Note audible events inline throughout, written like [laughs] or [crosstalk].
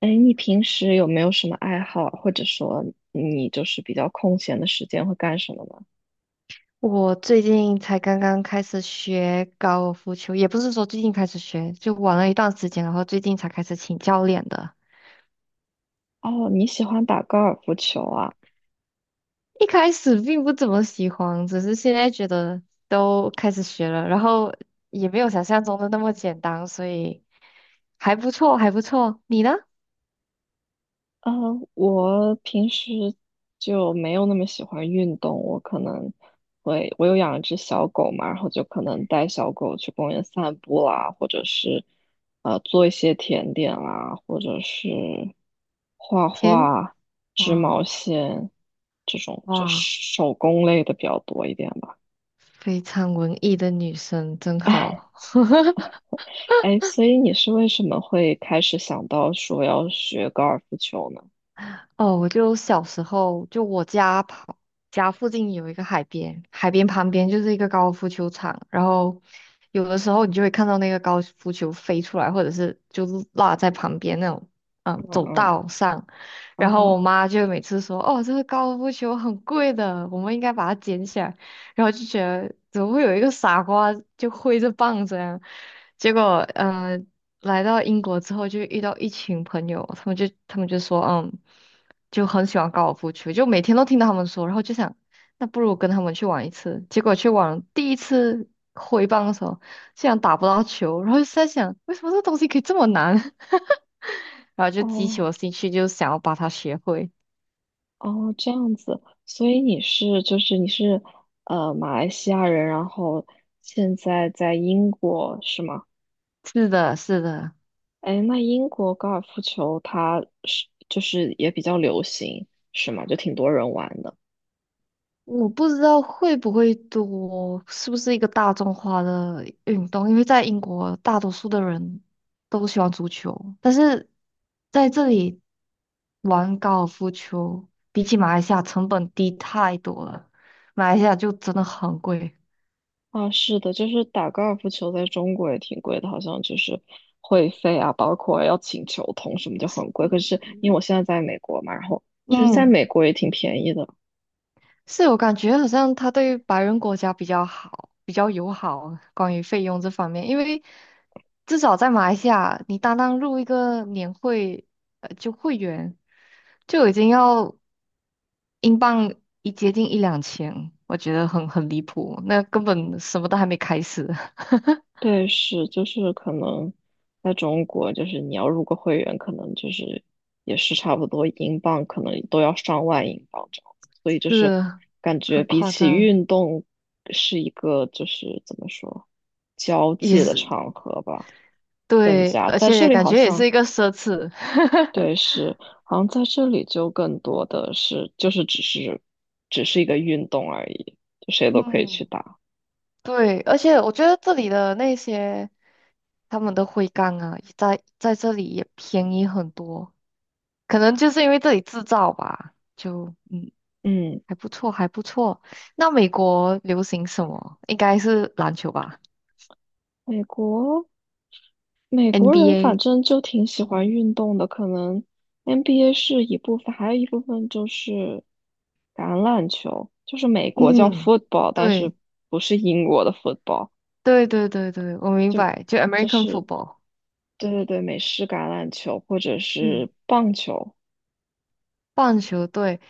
哎，你平时有没有什么爱好，或者说你就是比较空闲的时间会干什么呢？我最近才刚刚开始学高尔夫球，也不是说最近开始学，就玩了一段时间，然后最近才开始请教练的。哦，你喜欢打高尔夫球啊？一开始并不怎么喜欢，只是现在觉得都开始学了，然后也没有想象中的那么简单，所以还不错，还不错。你呢？呃，我平时就没有那么喜欢运动，我可能会，我有养一只小狗嘛，然后就可能带小狗去公园散步啦，或者是做一些甜点啦，或者是画田，画、织毛哇线这种，就哇，手工类的比较多一点吧。非常文艺的女生，真 [laughs] 好。哎，所以你是为什么会开始想到说要学高尔夫球呢？哦，我就小时候，就我家旁家附近有一个海边，海边旁边就是一个高尔夫球场，然后有的时候你就会看到那个高尔夫球飞出来，或者是就是落在旁边那种，嗯嗯，走嗯，道上。然后我哦妈就每次说：“哦，这个高尔夫球很贵的，我们应该把它捡起来。”然后就觉得怎么会有一个傻瓜就挥着棒子，样，结果，来到英国之后，就遇到一群朋友，他们就说，嗯，就很喜欢高尔夫球，就每天都听到他们说，然后就想，那不如跟他们去玩一次。结果去玩第一次挥棒的时候，竟然打不到球，然后就在想，为什么这东西可以这么难？[laughs] 然后就激起哦我兴趣，就想要把它学会。哦，这样子，所以你是马来西亚人，然后现在在英国是吗？是的，是的。哎，那英国高尔夫球它是就是也比较流行是吗？就挺多人玩的。我不知道会不会多，是不是一个大众化的运动？因为在英国，大多数的人都喜欢足球，但是在这里玩高尔夫球，比起马来西亚成本低太多了。马来西亚就真的很贵。啊，是的，就是打高尔夫球在中国也挺贵的，好像就是会费啊，包括要请球童什么就很贵。可是因为我现在在美国嘛，然后就是在嗯，美国也挺便宜的。是我感觉好像他对白人国家比较好，比较友好，关于费用这方面，因为至少在马来西亚，你单单入一个年会，就会员。就已经要英镑一接近一两千，我觉得很离谱，那根本什么都还没开始，[laughs] 对，是，就是可能在中国，就是你要入个会员，可能就是也是差不多英镑，可能都要上万英镑这样子。所以就是是啊感觉很比夸起张，运动是一个就是怎么说交也际的是场合吧。更对，加而在这且里感好觉也是像一个奢侈，对，是，好像在这里就更多的是，就是只是一个运动而已，就谁都可以去嗯，打。对，而且我觉得这里的那些他们的徽章啊，在这里也便宜很多，可能就是因为这里制造吧，就嗯，还不错，还不错。那美国流行什么？应该是篮球吧美国美国人反，NBA。正就挺喜欢运动的，可能 NBA 是一部分，还有一部分就是橄榄球，就是美国叫 嗯，football，但是对不是英国的 football，对对对对，我明就白，就 就 American 是 football， 对对对，美式橄榄球或者嗯，是棒球棒球队，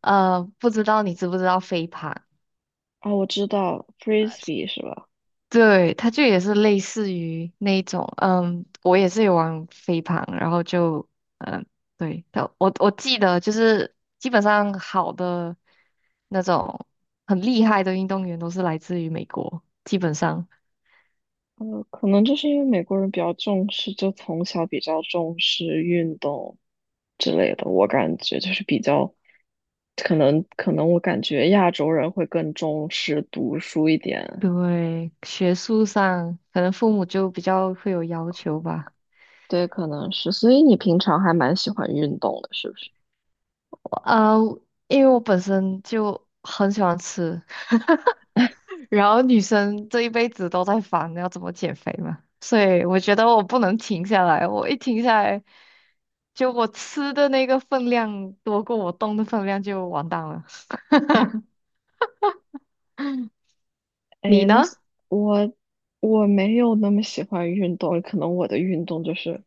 不知道你知不知道飞盘？啊，我知道 frisbee 是吧？对，它就也是类似于那种，嗯，我也是有玩飞盘，然后就，嗯，对，但我记得就是基本上好的那种很厉害的运动员都是来自于美国，基本上，可能就是因为美国人比较重视，就从小比较重视运动之类的。我感觉就是比较，可能我感觉亚洲人会更重视读书一点。对，学术上可能父母就比较会有要求吧。对，可能是。所以你平常还蛮喜欢运动的，是不是？啊，因为我本身就很喜欢吃，[laughs] 然后女生这一辈子都在烦要怎么减肥嘛，所以我觉得我不能停下来，我一停下来，就我吃的那个分量多过我动的分量就完蛋了。你哎，那呢？是我我没有那么喜欢运动，可能我的运动就是，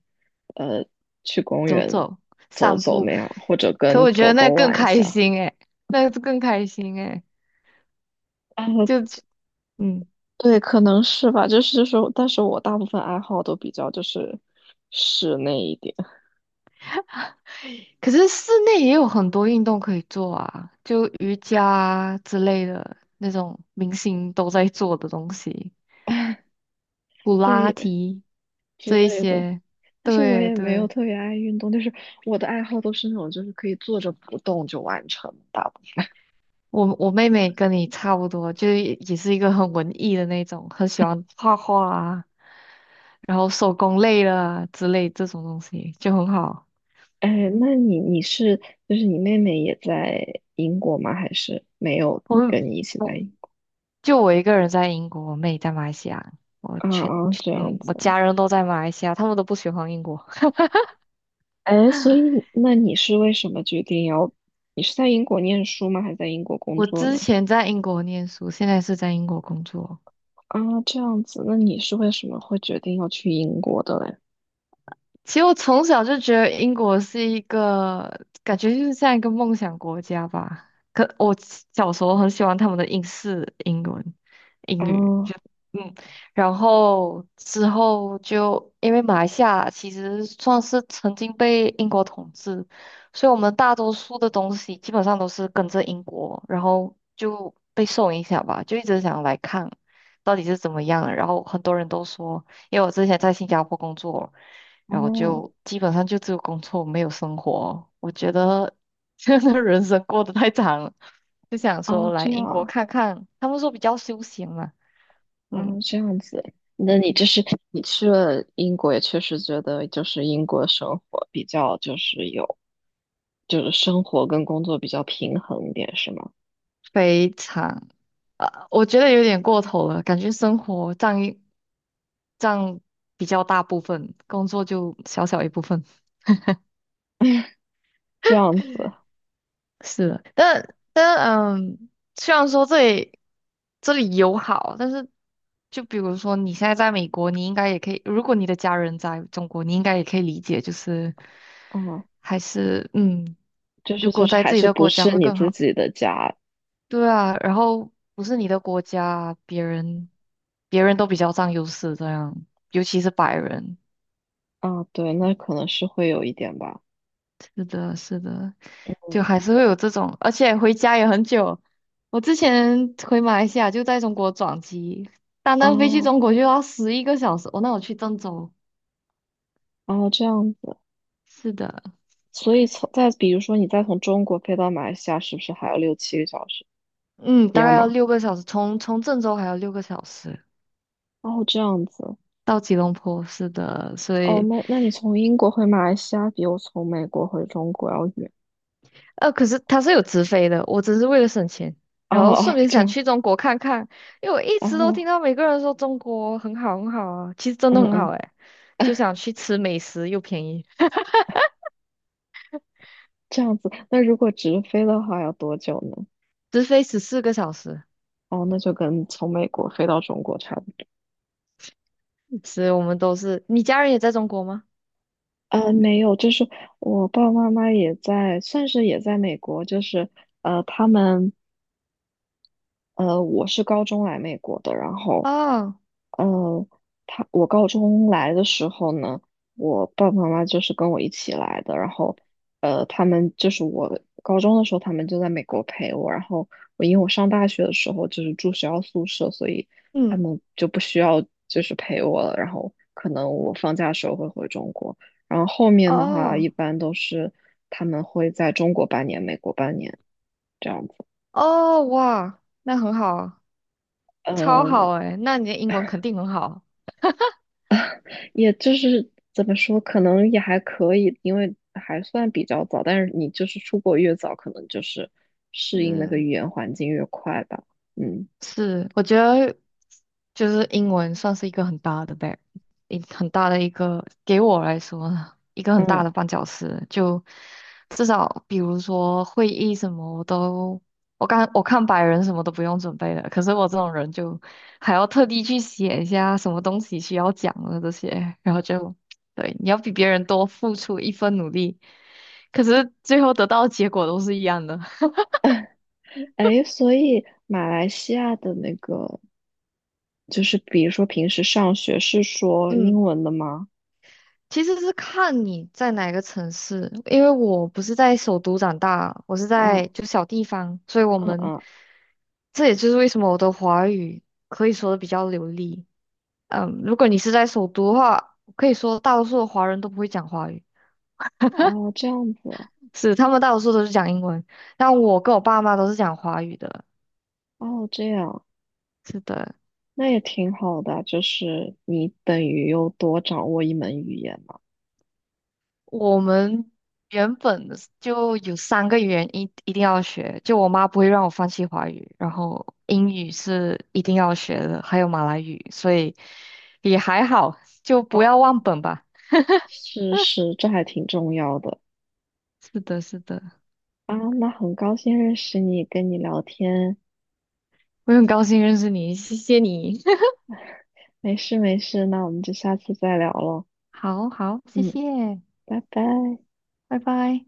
呃，去公走园走，走散走步，那样，或者可跟我觉狗得那狗更玩一开下。心诶，那更开心诶，啊，就嗯。对，可能是吧，就是但是我大部分爱好都比较就是室内一点。可是室内也有很多运动可以做啊，就瑜伽啊之类的那种明星都在做的东西，[laughs] 普对拉耶提之这一类的，些。但是我对也没有对，特别爱运动，就是我的爱好都是那种就是可以坐着不动就完成的大部分。我妹妹跟你差不多，就是也是一个很文艺的那种，很喜欢画画啊，然后手工类的啊之类这种东西就很好。哎，那你就是你妹妹也在英国吗？还是没有我们跟你一起在我英国？就我一个人在英国，我妹在马来西亚，我啊全啊，全这样嗯子我啊。家人都在马来西亚，他们都不喜欢英国。哎，所以那你是为什么决定要？你是在英国念书吗？还是在英国工我作之呢？前在英国念书，现在是在英国工作。啊，这样子，那你是为什么会决定要去英国的嘞？其实我从小就觉得英国是一个感觉就是像一个梦想国家吧。可我小时候很喜欢他们的英式英文、英语，哦，就嗯，然后之后就因为马来西亚其实算是曾经被英国统治，所以我们大多数的东西基本上都是跟着英国，然后就被受影响吧，就一直想来看到底是怎么样。然后很多人都说，因为我之前在新加坡工作。然后哦，就基本上就只有工作没有生活。我觉得这样的人生过得太长了，就想说哦，来这英国样，看看。他们说比较休闲嘛，嗯，嗯，这样子，那你就是你去了英国，也确实觉得就是英国生活比较就是有，就是生活跟工作比较平衡一点，是吗？非常我觉得有点过头了，感觉生活占一占比较大部分，工作就小小一部分。这样子，是的，但嗯，虽然说这里友好，但是就比如说你现在在美国，你应该也可以，如果你的家人在中国，你应该也可以理解，就是啊，还是嗯，就是如就果是在还自己是的不国家是会你更自好。己的家对啊，然后不是你的国家，别人都比较占优势，这样，尤其是白人。啊？对，那可能是会有一点吧。是的，是的，就嗯，还是会有这种，而且回家也很久。我之前回马来西亚就在中国转机，单单飞去哦，中国就要11个小时。哦，那我去郑州，哦，这样子。是的，所以从再比如说你再从中国飞到马来西亚，是不是还要六七个小时？嗯，一大样概要吗？六个小时，从郑州还要六个小时哦，这样子。到吉隆坡，是的，所哦，以那你从英国回马来西亚比我从美国回中国要远。可是它是有直飞的，我只是为了省钱，哦然后顺哦，便这想样。去中国看看，因为我一然直都听后，到每个人说中国很好很好啊，其实真的嗯很好嗯，诶，就想 [laughs] 去吃美食又便宜。这样子。那如果直飞的话要多久呢？直飞14个小时，哦，那就跟从美国飞到中国差不多。所以我们都是。你家人也在中国吗？没有，就是我爸爸妈妈也在，算是也在美国，就是他们我是高中来美国的，然后哦，呃，我高中来的时候呢，我爸爸妈妈就是跟我一起来的，然后他们就是我高中的时候，他们就在美国陪我，然后因为我上大学的时候就是住学校宿舍，所以他嗯，们就不需要就是陪我了，然后可能我放假的时候会回中国，然后后面的话哦，一般都是他们会在中国半年，美国半年这样子，哦，哇，那很好啊超好嗯。哎，那你的英文肯定很好。也就是怎么说，可能也还可以，因为还算比较早。但是你就是出国越早，可能就是适应那是。个语言环境越快吧。嗯是，我觉得就是英文算是一个很大的 很大的一个给我来说呢，一个很大嗯，的绊脚石。就至少比如说会议什么，我都我看百人什么都不用准备的，可是我这种人就还要特地去写一下什么东西需要讲的这些，然后就对你要比别人多付出一分努力，可是最后得到的结果都是一样的。[laughs] 哎，所以马来西亚的那个，就是比如说平时上学是说嗯。英文的吗？其实是看你在哪个城市，因为我不是在首都长大，我是在嗯就小地方，所以我嗯们嗯，这也就是为什么我的华语可以说的比较流利。嗯，如果你是在首都的话，可以说大多数的华人都不会讲华语，哦，这样子，是他们大多数都是讲英文，但我跟我爸妈都是讲华语的。哦，这样，是的，那也挺好的啊，就是你等于又多掌握一门语言嘛。我们原本的就有3个语言一定要学，就我妈不会让我放弃华语，然后英语是一定要学的，还有马来语，所以也还好，就哦，不要忘本吧。是是，这还挺重要的。是的，是的，啊，那很高兴认识你，跟你聊天。我很高兴认识你，谢谢你。[laughs] 没事没事，那我们就下次再聊了。好好，谢嗯，谢，拜拜。拜拜。